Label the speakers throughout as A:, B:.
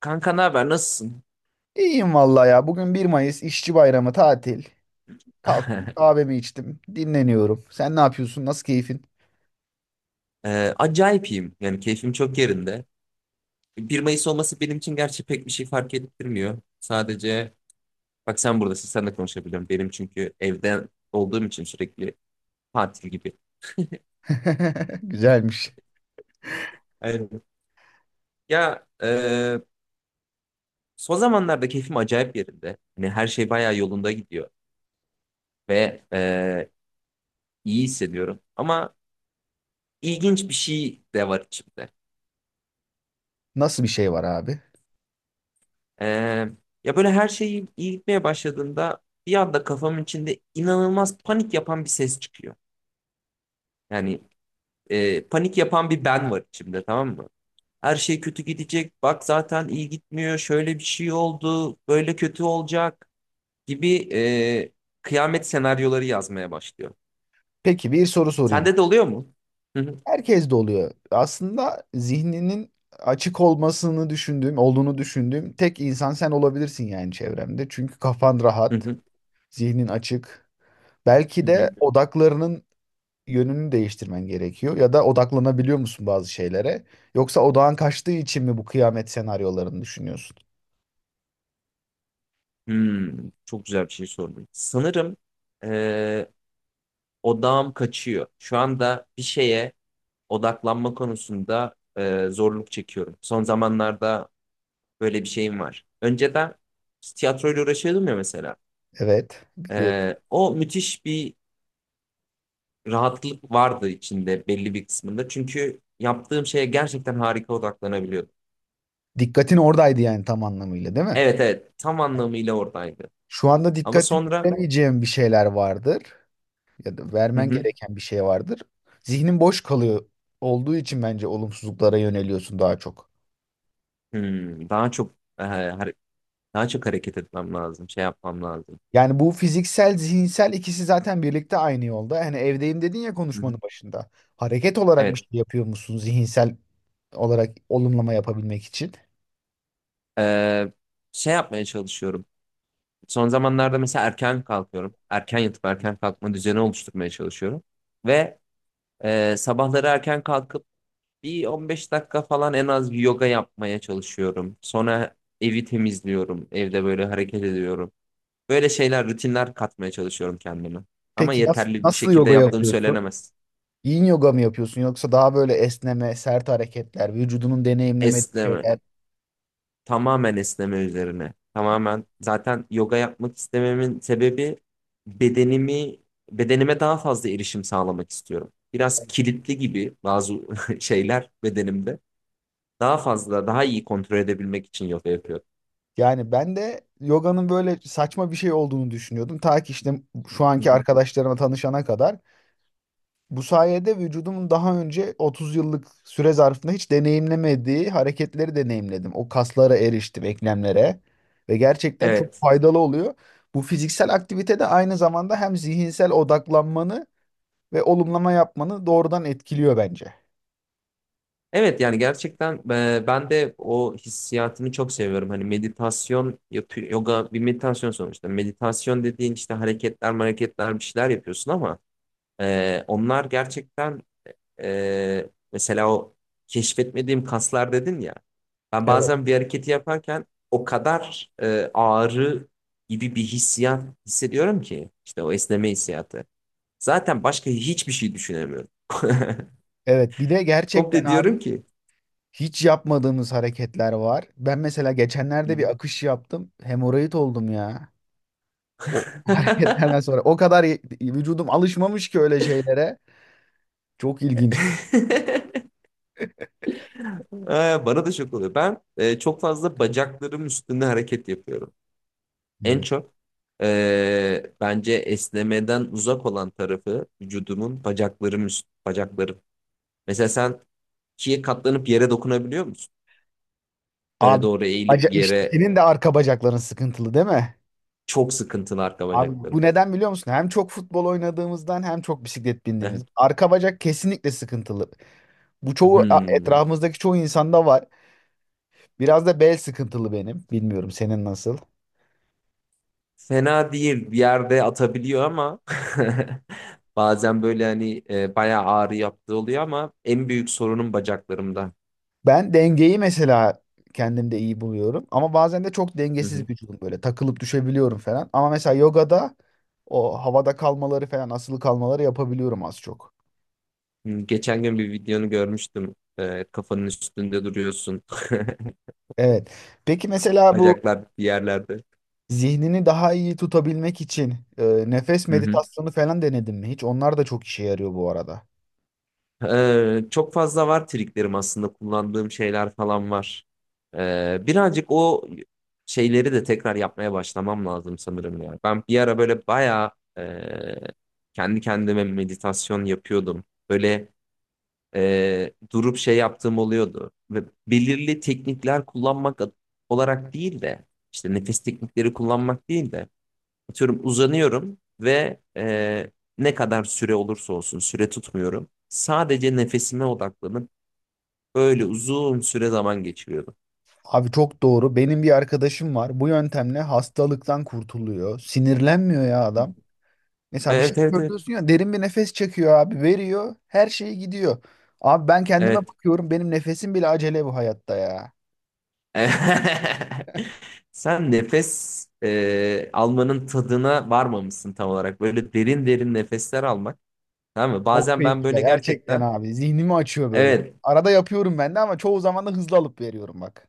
A: Kanka ne haber? Nasılsın?
B: İyiyim vallahi ya. Bugün 1 Mayıs İşçi Bayramı tatil. Kalktım kahvemi içtim. Dinleniyorum. Sen ne yapıyorsun? Nasıl keyfin?
A: Acayip iyiyim. Yani keyfim çok yerinde. Bir Mayıs olması benim için gerçi pek bir şey fark ettirmiyor. Sadece bak, sen buradasın, sen de konuşabiliyorum. Benim çünkü evden olduğum için sürekli tatil gibi.
B: Güzelmiş.
A: Evet. Ya son zamanlarda keyfim acayip yerinde. Hani her şey bayağı yolunda gidiyor ve iyi hissediyorum. Ama ilginç bir şey de var içimde.
B: Nasıl bir şey var abi?
A: Ee, Ya böyle her şey iyi iyi gitmeye başladığında bir anda kafamın içinde inanılmaz panik yapan bir ses çıkıyor. Yani panik yapan bir ben var içimde, tamam mı? Her şey kötü gidecek. Bak, zaten iyi gitmiyor. Şöyle bir şey oldu. Böyle kötü olacak gibi kıyamet senaryoları yazmaya başlıyor.
B: Peki bir soru sorayım.
A: Sende de oluyor mu? Hı hı,
B: Herkes de oluyor. Aslında zihninin açık olmasını düşündüğüm, olduğunu düşündüğüm tek insan sen olabilirsin yani çevremde. Çünkü kafan
A: hı
B: rahat,
A: hı,
B: zihnin açık.
A: hı
B: Belki
A: hı.
B: de odaklarının yönünü değiştirmen gerekiyor ya da odaklanabiliyor musun bazı şeylere? Yoksa odağın kaçtığı için mi bu kıyamet senaryolarını düşünüyorsun?
A: Hmm, çok güzel bir şey sordun. Sanırım e, odağım kaçıyor. Şu anda bir şeye odaklanma konusunda zorluk çekiyorum. Son zamanlarda böyle bir şeyim var. Önceden tiyatroyla uğraşıyordum ya, mesela.
B: Evet, biliyorum.
A: O müthiş bir rahatlık vardı, içinde belli bir kısmında. Çünkü yaptığım şeye gerçekten harika odaklanabiliyordum.
B: Dikkatin oradaydı yani tam anlamıyla, değil mi?
A: Evet, evet, tam anlamıyla oradaydı.
B: Şu anda
A: Ama
B: dikkatini
A: sonra,
B: veremeyeceğin bir şeyler vardır ya da
A: hı
B: vermen
A: hı,
B: gereken bir şey vardır. Zihnin boş kalıyor olduğu için bence olumsuzluklara yöneliyorsun daha çok.
A: daha çok e, hare- daha çok hareket etmem lazım, şey yapmam lazım.
B: Yani bu fiziksel, zihinsel ikisi zaten birlikte aynı yolda. Hani evdeyim dedin ya
A: Hı hı.
B: konuşmanın başında. Hareket olarak bir
A: Evet.
B: şey yapıyor musun zihinsel olarak olumlama yapabilmek için?
A: Ee, Şey yapmaya çalışıyorum. Son zamanlarda mesela erken kalkıyorum. Erken yatıp erken kalkma düzeni oluşturmaya çalışıyorum. Ve sabahları erken kalkıp bir 15 dakika falan en az bir yoga yapmaya çalışıyorum. Sonra evi temizliyorum. Evde böyle hareket ediyorum. Böyle şeyler, rutinler katmaya çalışıyorum kendime. Ama
B: Peki nasıl,
A: yeterli bir
B: nasıl
A: şekilde
B: yoga
A: yaptığım
B: yapıyorsun?
A: söylenemez.
B: Yin yoga mı yapıyorsun yoksa daha böyle esneme, sert hareketler, vücudunun deneyimlemediği
A: Esneme.
B: şeyler?
A: Tamamen esneme üzerine. Tamamen zaten yoga yapmak istememin sebebi, bedenimi bedenime daha fazla erişim sağlamak istiyorum. Biraz kilitli gibi bazı şeyler bedenimde. Daha fazla, daha iyi kontrol edebilmek için yoga yapıyorum.
B: Yani ben de yoganın böyle saçma bir şey olduğunu düşünüyordum. Ta ki işte şu
A: Hı
B: anki
A: hı.
B: arkadaşlarıma tanışana kadar. Bu sayede vücudumun daha önce 30 yıllık süre zarfında hiç deneyimlemediği hareketleri deneyimledim. O kaslara eriştim, eklemlere ve gerçekten çok
A: Evet.
B: faydalı oluyor. Bu fiziksel aktivite de aynı zamanda hem zihinsel odaklanmanı ve olumlama yapmanı doğrudan etkiliyor bence.
A: Evet, yani gerçekten ben de o hissiyatını çok seviyorum. Hani meditasyon yapıyor, yoga bir meditasyon sonuçta. Meditasyon dediğin işte hareketler, hareketler bir şeyler yapıyorsun ama onlar gerçekten. Mesela o keşfetmediğim kaslar dedin ya. Ben
B: Evet.
A: bazen bir hareketi yaparken o kadar ağrı gibi bir hissiyat hissediyorum ki, işte o esneme hissiyatı. Zaten başka hiçbir şey düşünemiyorum.
B: Evet bir de gerçekten
A: Komple
B: abi
A: diyorum ki
B: hiç yapmadığımız hareketler var. Ben mesela geçenlerde bir akış yaptım. Hemoroid oldum ya. O hareketlerden sonra o kadar vücudum alışmamış ki öyle şeylere. Çok ilginçti.
A: Bana da şok oluyor. Ben çok fazla bacaklarım üstünde hareket yapıyorum. En
B: Hmm.
A: çok bence esnemeden uzak olan tarafı vücudumun, bacaklarım. Mesela sen ikiye katlanıp yere dokunabiliyor musun? Böyle
B: Abi
A: doğru eğilip
B: işte
A: yere,
B: senin de arka bacakların sıkıntılı değil mi?
A: çok sıkıntılı arka
B: Abi
A: bacaklarım.
B: bu neden biliyor musun? Hem çok futbol oynadığımızdan hem çok bisiklet
A: Hı
B: bindiğimiz.
A: hı.
B: Arka bacak kesinlikle sıkıntılı. Bu çoğu
A: Hmm.
B: etrafımızdaki çoğu insanda var. Biraz da bel sıkıntılı benim. Bilmiyorum senin nasıl.
A: Fena değil, bir yerde atabiliyor ama bazen böyle hani bayağı ağrı yaptığı oluyor ama en büyük sorunum bacaklarımda.
B: Ben dengeyi mesela kendimde iyi buluyorum. Ama bazen de çok
A: Hı hı.
B: dengesiz vücudum böyle. Takılıp düşebiliyorum falan. Ama mesela yogada o havada kalmaları falan asılı kalmaları yapabiliyorum az çok.
A: Hmm, geçen gün bir videonu görmüştüm. Kafanın üstünde duruyorsun.
B: Evet. Peki mesela bu
A: Bacaklar bir yerlerde.
B: zihnini daha iyi tutabilmek için nefes
A: Hı hı.
B: meditasyonu falan denedin mi hiç? Onlar da çok işe yarıyor bu arada.
A: Çok fazla var triklerim aslında, kullandığım şeyler falan var. Birazcık o şeyleri de tekrar yapmaya başlamam lazım sanırım ya. Ben bir ara böyle bayağı e, kendi kendime meditasyon yapıyordum. Böyle durup şey yaptığım oluyordu. Ve belirli teknikler kullanmak olarak değil de, işte nefes teknikleri kullanmak değil de, atıyorum, uzanıyorum ve ne kadar süre olursa olsun süre tutmuyorum. Sadece nefesime odaklanıp böyle uzun süre zaman geçiriyordum.
B: Abi çok doğru. Benim bir arkadaşım var. Bu yöntemle hastalıktan kurtuluyor. Sinirlenmiyor ya adam. Mesela bir şey
A: Evet, evet, evet.
B: söylüyorsun ya derin bir nefes çekiyor abi veriyor her şey gidiyor. Abi ben kendime
A: Evet.
B: bakıyorum benim nefesim bile acele bu hayatta ya.
A: Sen nefes almanın tadına varmamışsın tam olarak. Böyle derin derin nefesler almak. Tamam mı?
B: Çok
A: Bazen ben
B: keyifli
A: böyle
B: gerçekten
A: gerçekten,
B: abi zihnimi açıyor böyle.
A: evet,
B: Arada yapıyorum ben de ama çoğu zaman da hızlı alıp veriyorum bak.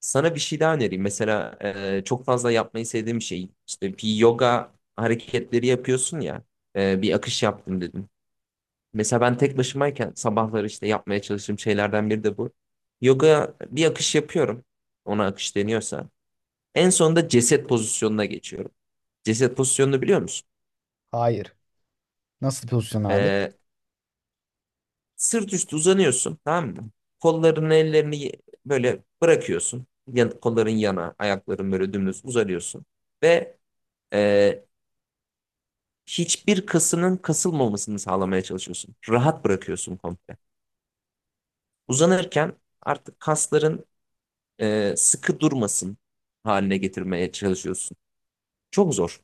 A: sana bir şey daha önereyim. Mesela çok fazla yapmayı sevdiğim şey, işte bir yoga hareketleri yapıyorsun ya, bir akış yaptım dedim. Mesela ben tek başımayken sabahları işte yapmaya çalıştığım şeylerden biri de bu. Yoga bir akış yapıyorum. Ona akış deniyorsa. En sonunda ceset pozisyonuna geçiyorum. Ceset pozisyonunu biliyor musun?
B: Hayır. Nasıl pozisyon abi?
A: Ee, Sırt üstü uzanıyorsun, tamam mı? Kollarını, ellerini böyle bırakıyorsun. Kolların yana, ayakların böyle dümdüz uzanıyorsun. Ve e, hiçbir kasının kasılmamasını sağlamaya çalışıyorsun. Rahat bırakıyorsun komple. Uzanırken artık kasların sıkı durmasın haline getirmeye çalışıyorsun. Çok zor.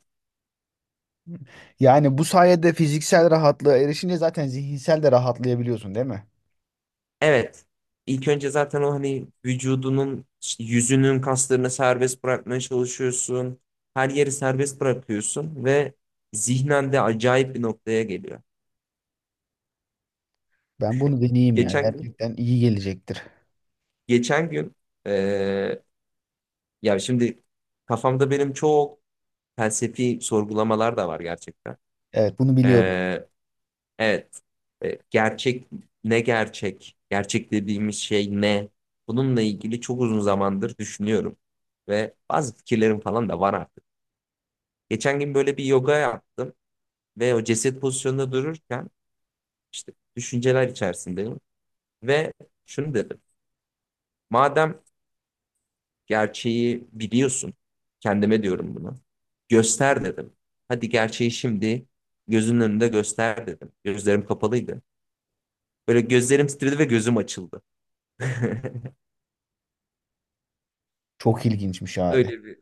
B: Yani bu sayede fiziksel rahatlığa erişince zaten zihinsel de rahatlayabiliyorsun değil mi?
A: Evet. İlk önce zaten o hani vücudunun, işte yüzünün kaslarını serbest bırakmaya çalışıyorsun. Her yeri serbest bırakıyorsun ve zihnen de acayip bir noktaya geliyor.
B: Ben bunu deneyeyim ya
A: Geçen gün,
B: gerçekten iyi gelecektir.
A: geçen gün e, Ya şimdi kafamda benim çok felsefi sorgulamalar da var gerçekten.
B: Evet bunu biliyorum.
A: E, Evet. Gerçek ne gerçek? Gerçek dediğimiz şey ne? Bununla ilgili çok uzun zamandır düşünüyorum. Ve bazı fikirlerim falan da var artık. Geçen gün böyle bir yoga yaptım ve o ceset pozisyonunda dururken işte düşünceler içerisindeyim. Ve şunu dedim. Madem gerçeği biliyorsun, kendime diyorum bunu, göster dedim. Hadi gerçeği şimdi gözünün önünde göster dedim. Gözlerim kapalıydı. Böyle gözlerim titredi ve gözüm açıldı.
B: Çok ilginçmiş abi.
A: Öyle bir,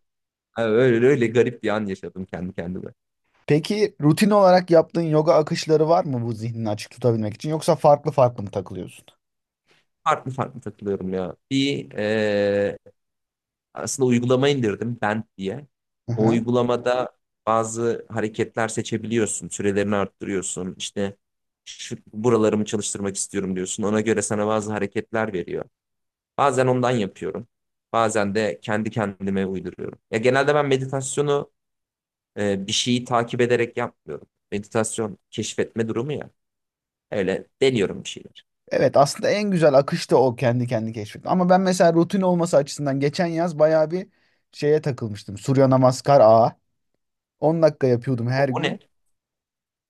A: ha, öyle öyle garip bir an yaşadım kendi kendime.
B: Peki rutin olarak yaptığın yoga akışları var mı bu zihnini açık tutabilmek için yoksa farklı farklı mı takılıyorsun?
A: Farklı farklı takılıyorum ya. Bir aslında uygulama indirdim, Bent diye.
B: Hı
A: O
B: hı.
A: uygulamada bazı hareketler seçebiliyorsun. Sürelerini arttırıyorsun. İşte şu, buralarımı çalıştırmak istiyorum diyorsun. Ona göre sana bazı hareketler veriyor. Bazen ondan yapıyorum. Bazen de kendi kendime uyduruyorum. Ya genelde ben meditasyonu bir şeyi takip ederek yapmıyorum. Meditasyon keşfetme durumu ya. Öyle deniyorum bir şey.
B: Evet aslında en güzel akış da o kendi kendi keşfetmek. Ama ben mesela rutin olması açısından geçen yaz bayağı bir şeye takılmıştım. Surya Namaskar Ağa. 10 dakika yapıyordum
A: O,
B: her
A: o ne?
B: gün.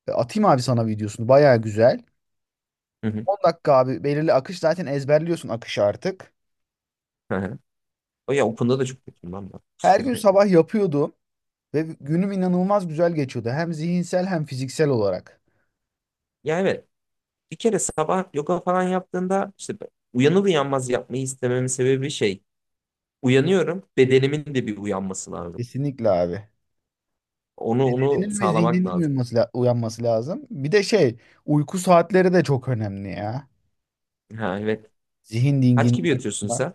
B: Atayım abi sana videosunu bayağı güzel.
A: Hı hı.
B: 10 dakika abi belirli akış zaten ezberliyorsun akışı artık.
A: Hı hı. O ya, Open'da da çok kötüyüm ben.
B: Her gün sabah yapıyordum ve günüm inanılmaz güzel geçiyordu. Hem zihinsel hem fiziksel olarak.
A: Ya evet. Bir kere sabah yoga falan yaptığında, işte uyanır uyanmaz yapmayı istememin sebebi şey. Uyanıyorum. Bedenimin de bir uyanması lazım.
B: Kesinlikle abi.
A: Onu
B: Bedeninin ve
A: sağlamak
B: zihninin
A: lazım.
B: uyanması lazım. Bir de şey, uyku saatleri de çok önemli ya.
A: Ha, evet.
B: Zihin
A: Kaç
B: dinginliği
A: gibi yatıyorsun
B: açısından.
A: sen?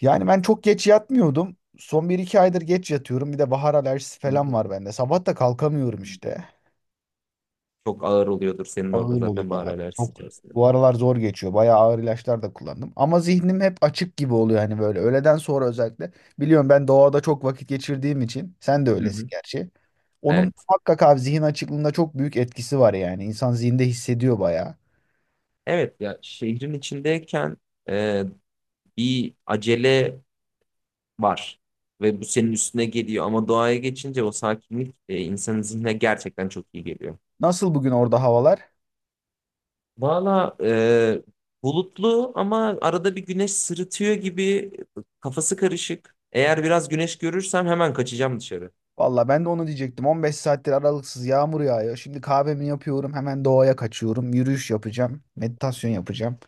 B: Yani ben çok geç yatmıyordum. Son bir iki aydır geç yatıyorum. Bir de bahar alerjisi
A: Hı.
B: falan var bende. Sabah da kalkamıyorum işte.
A: Çok ağır oluyordur senin orada
B: Ağır oluyor
A: zaten bahar
B: abi.
A: alerjisi
B: Çok
A: içerisinde.
B: bu aralar zor geçiyor. Bayağı ağır ilaçlar da kullandım. Ama zihnim hep açık gibi oluyor hani böyle. Öğleden sonra özellikle. Biliyorum ben doğada çok vakit geçirdiğim için. Sen de
A: Hı
B: öylesin
A: hı.
B: gerçi. Onun
A: Evet.
B: muhakkak abi zihin açıklığında çok büyük etkisi var yani. İnsan zihinde hissediyor bayağı.
A: Evet ya, şehrin içindeyken e, bir acele var. Ve bu senin üstüne geliyor ama doğaya geçince o sakinlik, insanın zihnine gerçekten çok iyi geliyor.
B: Nasıl bugün orada havalar?
A: Valla bulutlu ama arada bir güneş sırıtıyor gibi, kafası karışık. Eğer biraz güneş görürsem hemen kaçacağım dışarı.
B: Valla ben de onu diyecektim. 15 saattir aralıksız yağmur yağıyor. Şimdi kahvemi yapıyorum. Hemen doğaya kaçıyorum. Yürüyüş yapacağım. Meditasyon yapacağım.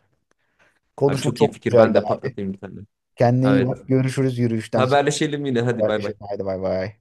A: Abi,
B: Konuşma
A: çok iyi
B: çok
A: fikir, ben
B: güzeldi
A: de
B: abi.
A: patlatayım bir tane.
B: Kendine iyi
A: Evet,
B: bak. Görüşürüz yürüyüşten sonra.
A: haberleşelim yine, hadi, bay bay.
B: Haberleşelim. Haydi bay bay.